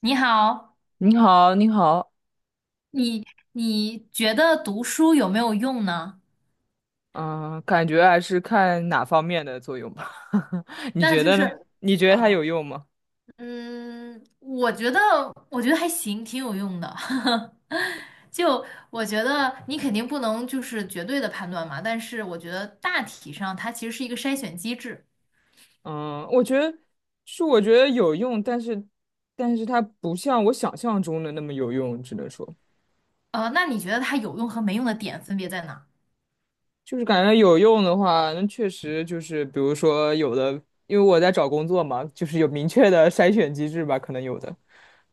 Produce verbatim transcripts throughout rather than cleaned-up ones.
你好，你好，你好，你你觉得读书有没有用呢？嗯，感觉还是看哪方面的作用吧。你那觉就得呢？是，你觉得啊，它有用吗？嗯，我觉得我觉得还行，挺有用的。就我觉得你肯定不能就是绝对的判断嘛，但是我觉得大体上它其实是一个筛选机制。嗯，我觉得是，我觉得有用，但是，但是它不像我想象中的那么有用，只能说，呃，那你觉得它有用和没用的点分别在哪？就是感觉有用的话，那确实就是，比如说有的，因为我在找工作嘛，就是有明确的筛选机制吧，可能有的。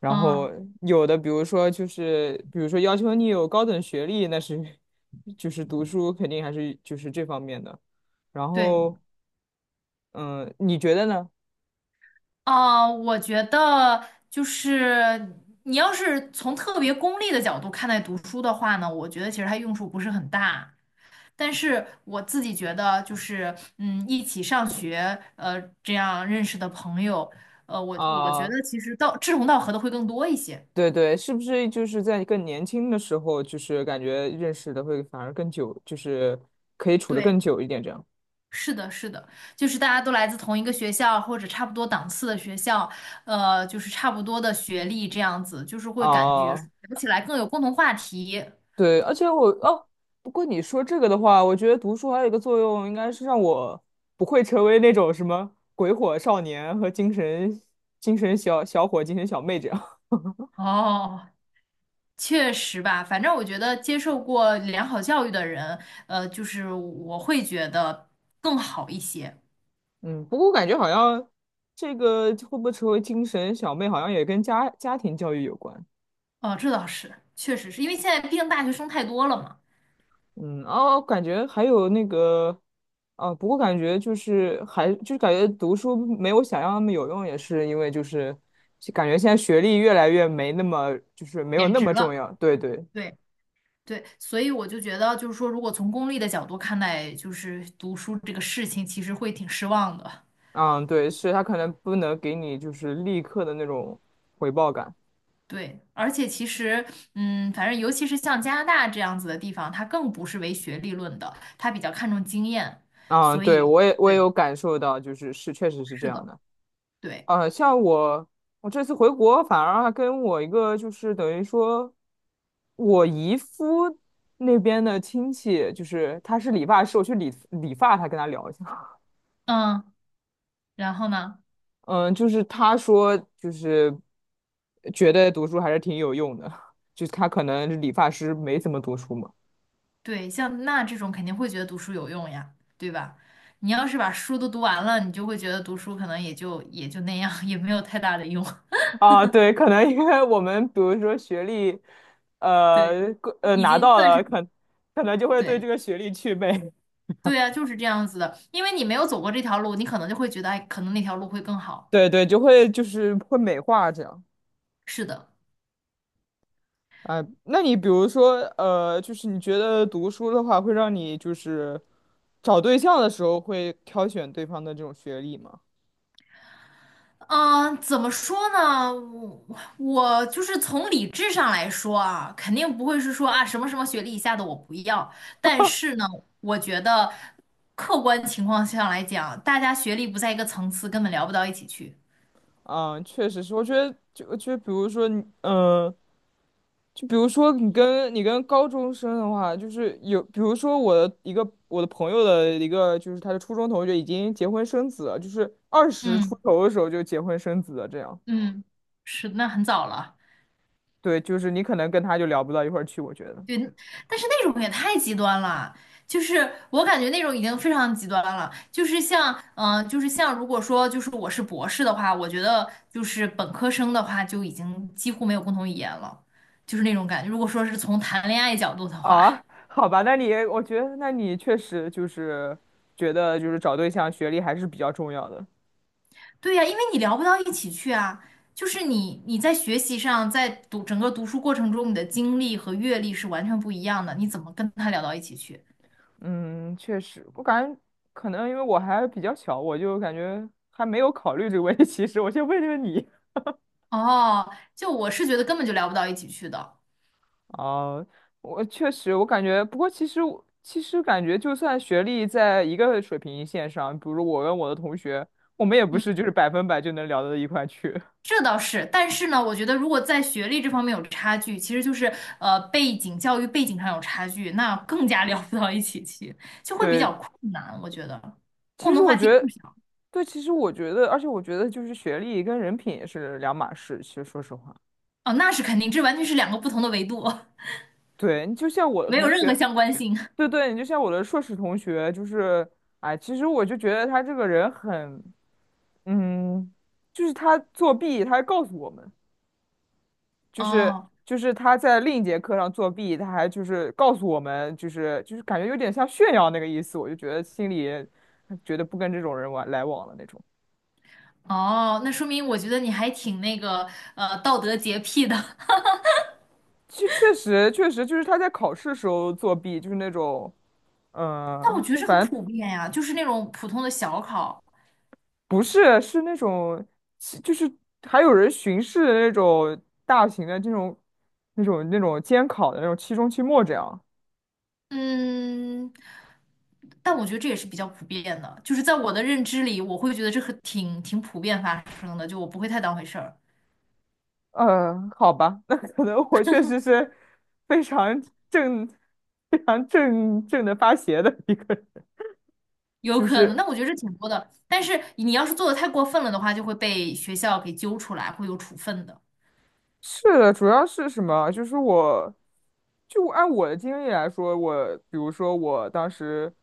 然嗯，后有的，比如说就是，比如说要求你有高等学历，那是就是读书肯定还是就是这方面的。然对。后，嗯，你觉得呢？啊，我觉得就是你要是从特别功利的角度看待读书的话呢，我觉得其实它用处不是很大。但是我自己觉得，就是嗯，一起上学，呃，这样认识的朋友，呃，我我觉啊，得其实到志同道合的会更多一些。对对，是不是就是在更年轻的时候，就是感觉认识的会反而更久，就是可以处得对，更久一点这样？是的，是的，就是大家都来自同一个学校或者差不多档次的学校，呃，就是差不多的学历这样子，就是会感觉啊。聊起来更有共同话题。对，而且我哦，不过你说这个的话，我觉得读书还有一个作用，应该是让我不会成为那种什么鬼火少年和精神精神小小伙、精神小妹这样。哦。确实吧，反正我觉得接受过良好教育的人，呃，就是我会觉得更好一些。嗯，不过我感觉好像这个会不会成为精神小妹，好像也跟家家庭教育有关。哦，这倒是，确实是因为现在毕竟大学生太多了嘛，嗯，哦，感觉还有那个，啊，不过感觉就是还就是感觉读书没有想象那么有用，也是因为就是感觉现在学历越来越没那么就是没有贬那值么重了。要。对对。对对，所以我就觉得，就是说，如果从功利的角度看待，就是读书这个事情，其实会挺失望的。嗯，对，是他可能不能给你就是立刻的那种回报感。对，而且其实，嗯，反正尤其是像加拿大这样子的地方，它更不是唯学历论的，它比较看重经验，嗯，所对，以我也我也对，有感受到，就是是确实是这是样的，的。对。呃，像我我这次回国，反而还跟我一个就是等于说我姨夫那边的亲戚，就是他是理发师，我去理理发，他跟他聊一下。嗯，然后呢，嗯，就是他说就是觉得读书还是挺有用的，就是他可能理发师没怎么读书嘛。对，像那这种肯定会觉得读书有用呀，对吧？你要是把书都读完了，你就会觉得读书可能也就也就那样，也没有太大的用。啊，对，可能因为我们比如说学历，对，呃，过呃，已拿经到算了，是可可能就会对对这个学历祛魅，对啊，就是这样子的，因为你没有走过这条路，你可能就会觉得，哎，可能那条路会更 好。对对，就会就是会美化这样。是的。啊、那你比如说，呃，就是你觉得读书的话，会让你就是找对象的时候会挑选对方的这种学历吗？嗯，怎么说呢？我我就是从理智上来说啊，肯定不会是说啊什么什么学历以下的我不要。但是呢，我觉得客观情况下来讲，大家学历不在一个层次，根本聊不到一起去。啊、确实是，我觉得就就比如说你，嗯、就比如说你跟你跟高中生的话，就是有，比如说我的一个我的朋友的一个，就是他的初中同学已经结婚生子了，就是二十出嗯头的时候就结婚生子了，这样。嗯，是，那很早了。对，就是你可能跟他就聊不到一块儿去，我觉得。对，但是那种也太极端了，就是我感觉那种已经非常极端了。就是像，嗯、就是像，如果说就是我是博士的话，我觉得就是本科生的话就已经几乎没有共同语言了，就是那种感觉。如果说是从谈恋爱角度的话，啊，好吧，那你我觉得那你确实就是觉得就是找对象学历还是比较重要的。对呀、因为你聊不到一起去啊。就是你你在学习上，在读整个读书过程中，你的经历和阅历是完全不一样的，你怎么跟他聊到一起去？嗯，确实，我感觉可能因为我还比较小，我就感觉还没有考虑这个问题。其实我先问问你。哦，就我是觉得根本就聊不到一起去的。啊，我确实，我感觉，不过其实我其实感觉，就算学历在一个水平线上，比如我跟我的同学，我们也不是嗯。就是百分百就能聊到一块去。这倒是，但是呢，我觉得如果在学历这方面有差距，其实就是呃背景、教育背景上有差距，那更加 聊不到一起去，就 会比对，较困难。我觉得共其实同我话题觉更得，少。对，其实我觉得，而且我觉得，就是学历跟人品也是两码事。其实说实话，哦，那是肯定，这完全是两个不同的维度，对，你就像我 的没有同任何学，相关性。对对，你就像我的硕士同学，就是，哎，其实我就觉得他这个人很，嗯，就是他作弊，他还告诉我们。就是哦就是他在另一节课上作弊，他还就是告诉我们，就是就是感觉有点像炫耀那个意思，我就觉得心里觉得不跟这种人玩来往了那种。哦，那说明我觉得你还挺那个呃道德洁癖的。其实确实确实就是他在考试时候作弊，就是那种嗯、但我呃觉得就这很反正普遍呀，就是那种普通的小考，不是是那种其就是还有人巡视那种大型的这种那种那种监考的那种期中期末这样。嗯，但我觉得这也是比较普遍的，就是在我的认知里，我会觉得这很挺挺普遍发生的，就我不会太当回事儿。嗯，好吧，那可能我确实是非常正、非常正正的发邪的一个人，有就可能，是那我觉得这挺多的。但是你要是做的太过分了的话，就会被学校给揪出来，会有处分的。是的，主要是什么？就是我，就按我的经历来说，我比如说我当时，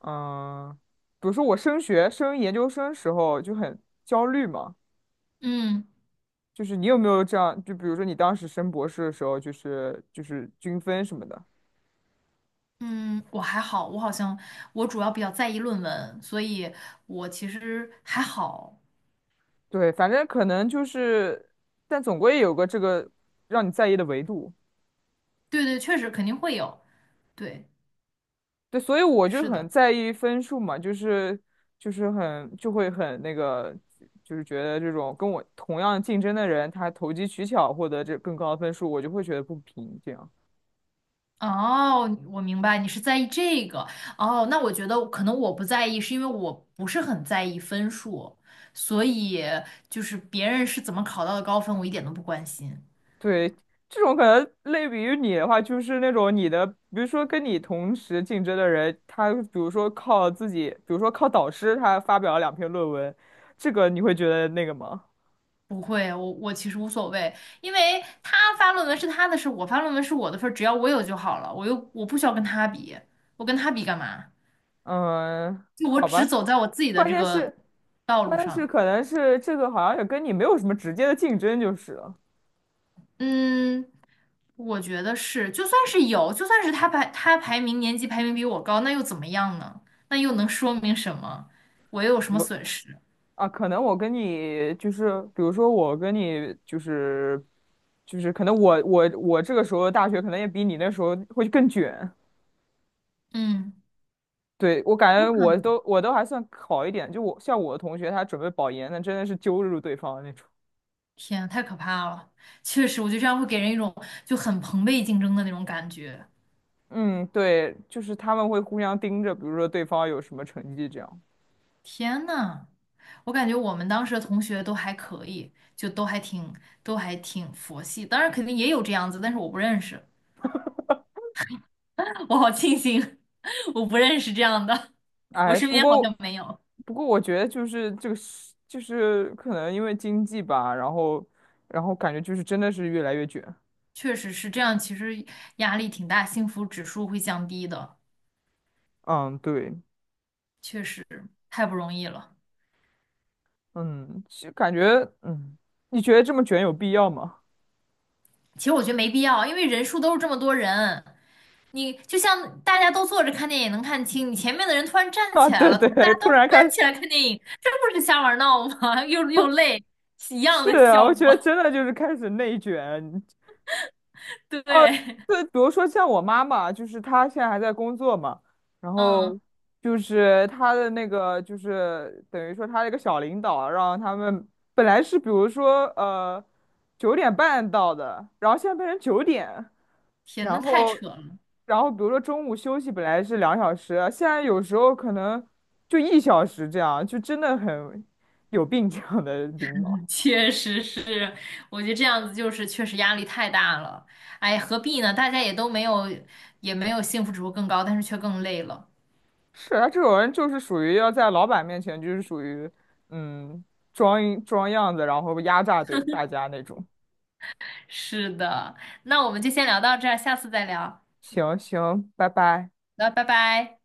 嗯，比如说我升学、升研究生时候就很焦虑嘛，嗯就是你有没有这样？就比如说你当时升博士的时候，就是就是均分什么的。嗯，我还好，我好像我主要比较在意论文，所以我其实还好。对，反正可能就是，但总归有个这个让你在意的维度。对对，确实肯定会有。对，对，所以我就是很的。在意分数嘛，就是就是很就会很那个，就是觉得这种跟我同样竞争的人，他投机取巧获得这更高的分数，我就会觉得不平。这样，哦，我明白，你是在意这个。哦，那我觉得可能我不在意，是因为我不是很在意分数，所以就是别人是怎么考到的高分，我一点都不关心。对，这种可能类比于你的话，就是那种你的，比如说跟你同时竞争的人，他比如说靠自己，比如说靠导师，他发表了两篇论文，这个你会觉得那个吗？不会，我我其实无所谓，因为他发论文是他的事，我发论文是我的份儿，只要我有就好了。我又我不需要跟他比，我跟他比干嘛？嗯，就我好只吧，走在我自己的关这键个是，道路关键是上。可能是这个好像也跟你没有什么直接的竞争就是了。嗯，我觉得是，就算是有，就算是他排他排名年级排名比我高，那又怎么样呢？那又能说明什么？我又有什么我损失？啊，可能我跟你就是，比如说我跟你就是，就是可能我我我这个时候的大学可能也比你那时候会更卷。嗯，对，我感有觉可我能。都我都还算好一点，就我像我的同学他准备保研，那真的是揪住对方的那种。天，太可怕了！确实，我觉得这样会给人一种就很朋辈竞争的那种感觉。嗯，对，就是他们会互相盯着，比如说对方有什么成绩这样。天呐，我感觉我们当时的同学都还可以，就都还挺都还挺佛系，当然肯定也有这样子，但是我不认识，我好庆幸 我不认识这样的，我哎，身不边好过，像没有。不过，我觉得就是这个是，就是可能因为经济吧，然后，然后感觉就是真的是越来越卷。确实是这样，其实压力挺大，幸福指数会降低的，嗯，对，确实太不容易了。嗯，就感觉，嗯，你觉得这么卷有必要吗？其实我觉得没必要，因为人数都是这么多人，你就像大家都坐着看电影能看清，你前面的人突然 站啊，起来对了，怎么大对，家突都然站开始，起来看电影，这不是瞎玩闹吗？又又累，一样是的啊，我效觉得果。真的就是开始内卷，对，对，比如说像我妈妈，就是她现在还在工作嘛，然嗯，后就是她的那个，就是等于说她的一个小领导啊，让他们本来是比如说呃九点半到的，然后现在变成九点，天，然那太后扯了。然后比如说中午休息本来是两小时，现在有时候可能就一小时这样，就真的很有病这样的领导。确实是，我觉得这样子就是确实压力太大了。哎，何必呢？大家也都没有，也没有幸福指数更高，但是却更累了。是啊，这种人就是属于要在老板面前就是属于嗯装一装样子，然后压榨对大家那种。是的，那我们就先聊到这儿，下次再聊。行行，拜拜。那拜拜。